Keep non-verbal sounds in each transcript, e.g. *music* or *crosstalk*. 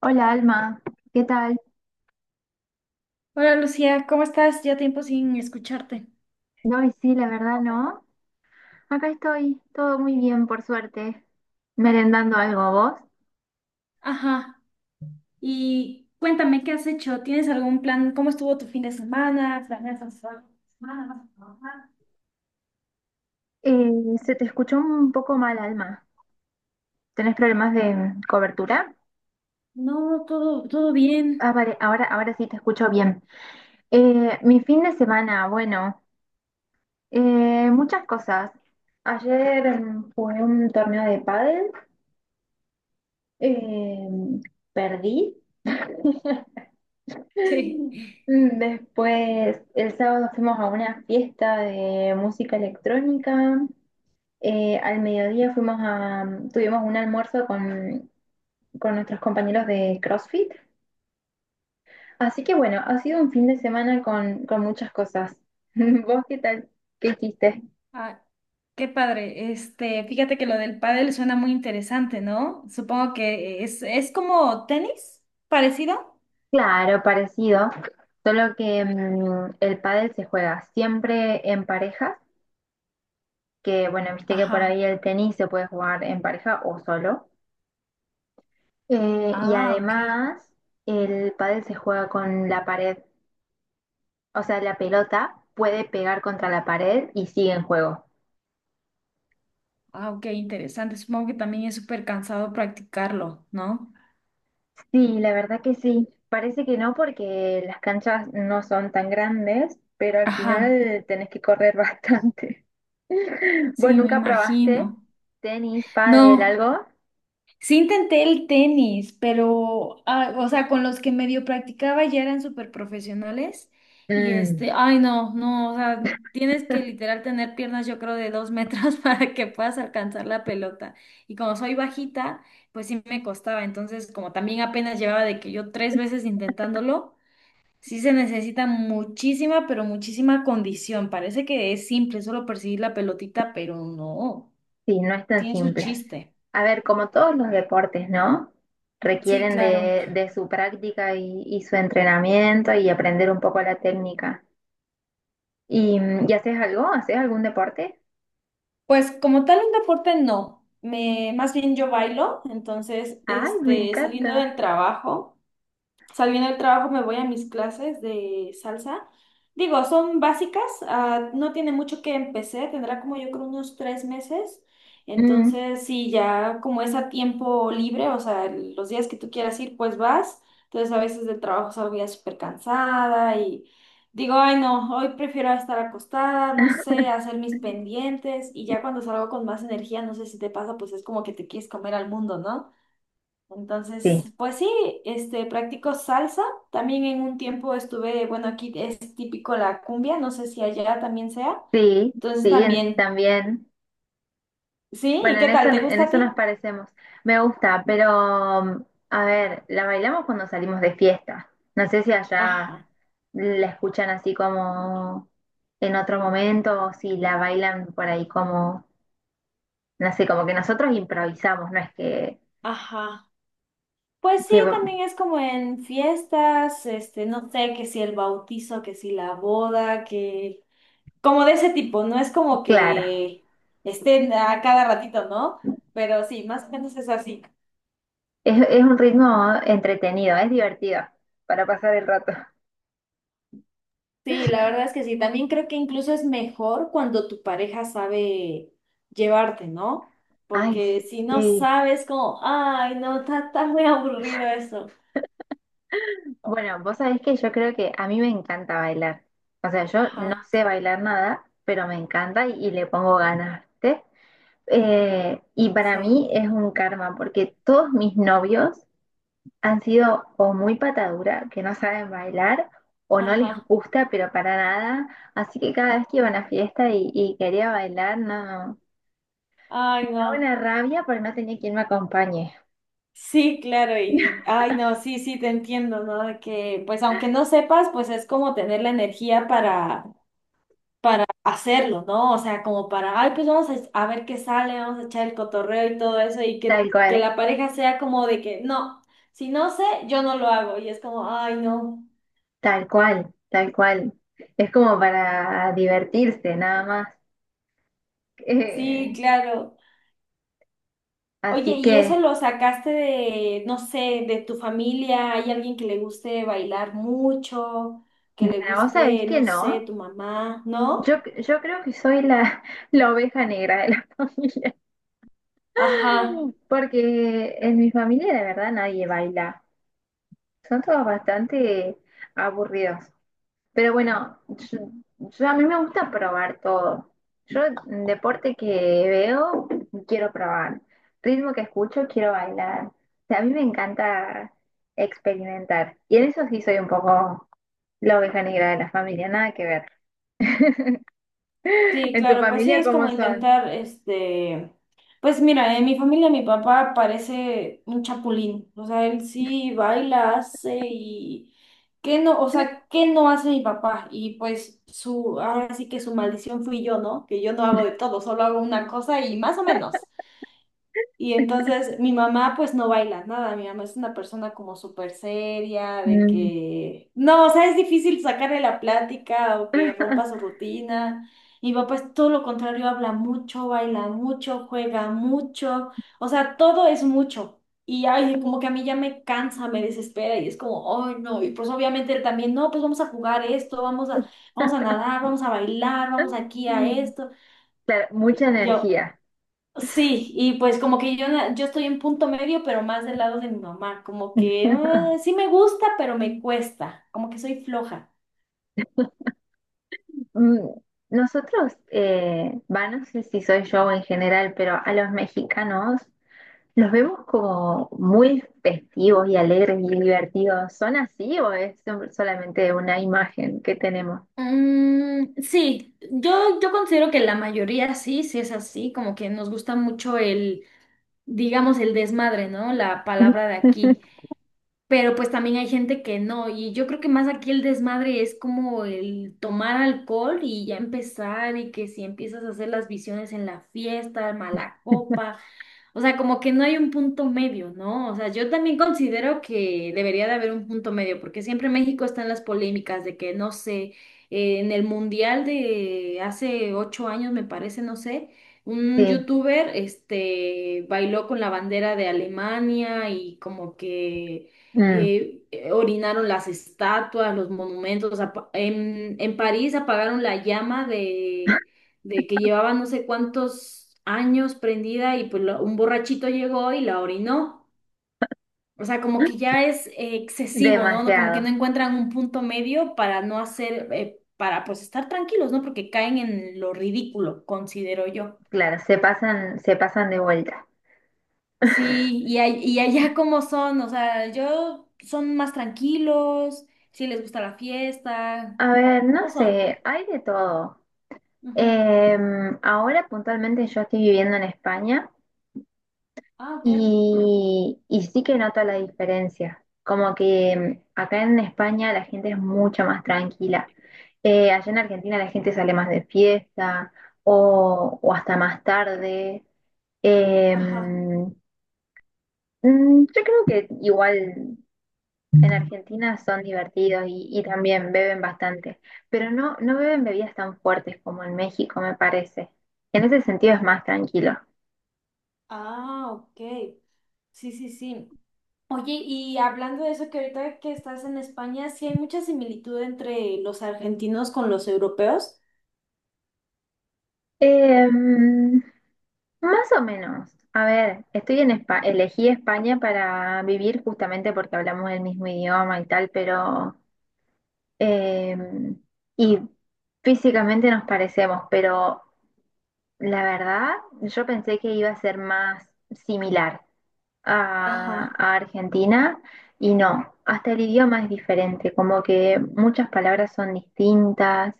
Hola Alma, ¿qué tal? Hola Lucía, ¿cómo estás? Ya tiempo sin escucharte. No, y sí, la verdad no. Acá estoy, todo muy bien, por suerte. Merendando algo, ¿vos? Ajá. Y cuéntame, ¿qué has hecho? ¿Tienes algún plan? ¿Cómo estuvo tu fin de semana? ¿Planeas hacer algo esta semana? ¿Vas a trabajar? Eh, Se te escuchó un poco mal, Alma. ¿Tenés problemas de cobertura? No, todo, todo Ah, bien. *laughs* vale, ahora sí te escucho bien. Mi fin de semana, bueno, muchas cosas. Ayer jugué un torneo de pádel, eh, perdí. *laughs* Sí. Mm, Después, el sábado fuimos a una fiesta de música electrónica. Al mediodía tuvimos un almuerzo con nuestros compañeros de CrossFit. Así que bueno, ha sido un fin de semana con muchas cosas. *laughs* ¿Vos qué tal? ¿Qué hiciste? Ah, qué padre. Este, fíjate que lo del pádel suena muy interesante, ¿no? Supongo que es como tenis, parecido. Claro, parecido, solo que el pádel se juega siempre en parejas, que bueno, viste que por Ajá. ahí el tenis se puede jugar en pareja o solo. Y Ah, ok. además, el pádel se juega con la pared, o sea, la pelota puede pegar contra la pared y sigue en juego. Ah, ok, interesante. Supongo que también es súper cansado practicarlo, ¿no? Sí, la verdad que sí. Parece que no porque las canchas no son tan grandes, pero al Ajá. final tenés que correr bastante. *laughs* ¿Vos Sí, me nunca probaste imagino. tenis, pádel, No, algo? sí intenté el tenis, pero, ah, o sea, con los que medio practicaba ya eran súper profesionales y Mm, este, ay no, no, o sea, tienes que literal tener piernas yo creo de 2 metros *laughs* para que puedas alcanzar la pelota. Y como soy bajita, pues sí me costaba, entonces como también apenas llevaba de que yo 3 veces intentándolo, sí se necesita muchísima, pero muchísima condición. Parece que es simple, solo perseguir la pelotita, pero no, sí, no es tan tiene su simple. chiste. A ver, como todos los deportes, ¿no? Sí, Requieren claro. De su práctica y su entrenamiento y aprender un poco la técnica. ¿Y haces algo? ¿Haces algún deporte? Pues como tal un deporte no, me, más bien yo bailo, entonces ¡Ay, me este, encanta! saliendo del trabajo. Saliendo del trabajo me voy a mis clases de salsa. Digo, son básicas, ah, no tiene mucho que empecé, tendrá como yo creo unos 3 meses. Mm, Entonces, sí, ya como es a tiempo libre, o sea, los días que tú quieras ir, pues vas. Entonces, a veces del trabajo salgo ya súper cansada y digo, ay, no, hoy prefiero estar acostada, no sé, hacer mis pendientes. Y ya cuando salgo con más energía, no sé si te pasa, pues es como que te quieres comer al mundo, ¿no? Entonces, sí, pues sí, este, practico salsa. También en un tiempo estuve, bueno, aquí es típico la cumbia, no sé si allá también sea. sí, Entonces sí, también, también. sí, ¿y Bueno, qué tal? ¿Te en gusta a eso ti? nos parecemos. Me gusta, pero a ver, la bailamos cuando salimos de fiesta. No sé si allá Ajá, la escuchan así como en otro momento o si la bailan por ahí como no sé, como que nosotros improvisamos, no es que, ajá. Pues sí, que también es como en fiestas, este, no sé, que si el bautizo, que si la boda, que como de ese tipo, no es como claro, que estén a cada ratito, ¿no? Pero sí, más o menos es así. Es un ritmo entretenido, es divertido para pasar el rato. Sí, la verdad es que sí. También creo que incluso es mejor cuando tu pareja sabe llevarte, ¿no? Ay, Porque si no sí. sabes, como, ay, no, está muy aburrido eso. Bueno, vos sabés que yo creo que a mí me encanta bailar. O sea, yo no Ajá, sé bailar nada, pero me encanta y le pongo ganas, ¿viste? Y para sí, mí es un karma, porque todos mis novios han sido o muy patadura, que no saben bailar, o no les ajá, gusta, pero para nada. Así que cada vez que iba a una fiesta y quería bailar, no. ay, Daba no. una rabia porque no tenía quien me acompañe. Sí, claro, y, ay, no, sí, sí, te entiendo, ¿no? De que, pues, aunque no sepas, pues es como tener la energía para hacerlo, ¿no? O sea, como para, ay, pues vamos a, ver qué sale, vamos a echar el cotorreo y todo eso, y Tal que cual, la pareja sea como de que, no, si no sé, yo no lo hago, y es como, ay, no, tal cual, tal cual. Es como para divertirse, nada más. sí, Eh, claro. Oye, Así ¿y eso que, lo sacaste de, no sé, de tu familia? ¿Hay alguien que le guste bailar mucho? ¿Que le bueno, vos sabés guste, que no sé, no. tu mamá? ¿No? Yo creo que soy la, *laughs* la oveja negra de la *laughs* familia, Ajá. porque en mi familia de verdad nadie baila. Son todos bastante aburridos. Pero bueno, a mí me gusta probar todo. Yo, deporte que veo, quiero probar. Ritmo que escucho, quiero bailar. O sea, a mí me encanta experimentar. Y en eso sí soy un poco la oveja negra de la familia, nada que ver. *laughs* Sí, ¿En tu claro, pues sí, familia es como cómo son? intentar, este, pues mira, en mi familia mi papá parece un chapulín, o sea, él sí baila, hace y qué no, o sea, qué no hace mi papá y pues su, ahora sí que su maldición fui yo, ¿no? Que yo no hago de todo, solo hago una cosa y más o menos. Y entonces mi mamá pues no baila nada, mi mamá es una persona como súper seria, de Mm. que, no, o sea, es difícil sacarle la plática o que rompa su rutina. Y mi papá es todo lo contrario, habla mucho, baila mucho, juega mucho, o sea, todo es mucho. Y ay, como que a mí ya me cansa, me desespera y es como, ay, no, y pues obviamente él también, no, pues vamos a jugar esto, vamos a nadar, *laughs* vamos a bailar, vamos aquí a esto. Claro, mucha Y yo, energía. sí, y pues como que yo, yo estoy en punto medio, pero más del lado de mi mamá, como que "Ah, *laughs* sí me gusta, pero me cuesta, como que soy floja. Mm, nosotros, va, no sé si soy yo o en general, pero a los mexicanos los vemos como muy festivos y alegres y divertidos. ¿Son así o es solamente una imagen que tenemos? Sí, yo considero que la mayoría sí, sí es así, como que nos gusta mucho el, digamos, el desmadre, ¿no? La palabra de aquí. *laughs* Pero pues también hay gente que no, y yo creo que más aquí el desmadre es como el tomar alcohol y ya empezar, y que si empiezas a hacer las visiones en la fiesta, mala copa, o sea, como que no hay un punto medio, ¿no? O sea, yo también considero que debería de haber un punto medio, porque siempre México está en las polémicas de que, no sé, en el mundial de hace 8 años, me parece, no sé. Un Sí, youtuber, este, bailó con la bandera de Alemania y como que mm, orinaron las estatuas, los monumentos. En París apagaron la llama de, que llevaba no sé cuántos años prendida y pues un borrachito llegó y la orinó. O sea, como que ya es excesivo, ¿no? No, como que no demasiado. encuentran un punto medio para no hacer, para pues estar tranquilos, ¿no? Porque caen en lo ridículo, considero yo. Claro, se pasan de vuelta. Sí, y, y allá cómo son, o sea, yo son más tranquilos, si les gusta la fiesta. A ver, no ¿Cómo son? sé, hay de todo. Ujú. Ahora puntualmente yo estoy viviendo en España. Ah, ok. Y sí que noto la diferencia, como que acá en España la gente es mucho más tranquila. Allá en Argentina la gente sale más de fiesta o hasta más tarde. Eh, Ajá. mm, yo creo que igual en Argentina son divertidos y también beben bastante, pero no, no beben bebidas tan fuertes como en México, me parece. En ese sentido es más tranquilo. Ah, ok. Sí, sí, sí. Oye, y hablando de eso, que ahorita que estás en España, sí hay mucha similitud entre los argentinos con los europeos. Em, Más o menos. A ver, estoy en España, elegí España para vivir justamente porque hablamos el mismo idioma y tal, pero eh, y físicamente nos parecemos, pero la verdad, yo pensé que iba a ser más similar Ajá. a Argentina y no, hasta el idioma es diferente, como que muchas palabras son distintas,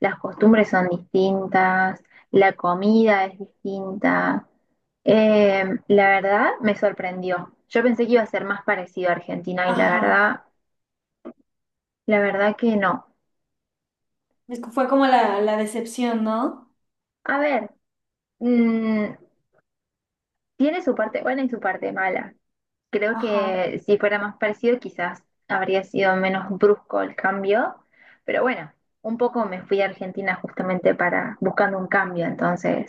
las costumbres son distintas, la comida es distinta. La verdad me sorprendió. Yo pensé que iba a ser más parecido a Argentina y Ajá. La verdad que no. Es que fue como la decepción, ¿no? A ver, mm, tiene su parte buena y su parte mala. Creo Ajá. que si fuera más parecido, quizás habría sido menos brusco el cambio, pero bueno, un poco me fui a Argentina justamente para buscando un cambio, entonces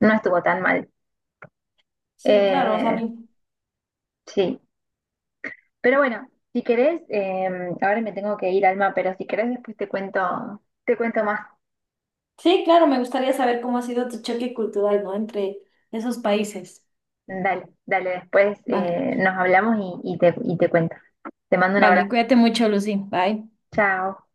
no estuvo tan mal. Sí, claro, o sea, lo. Eh, sí, pero bueno, si querés, ahora me tengo que ir, Alma, pero si querés después te cuento más. Sí, claro, me gustaría saber cómo ha sido tu choque cultural, ¿no? Entre esos países. Dale, dale, después Vale, nos hablamos y te cuento. Te mando un vale, abrazo. cuídate mucho, Lucy. Bye. Chao.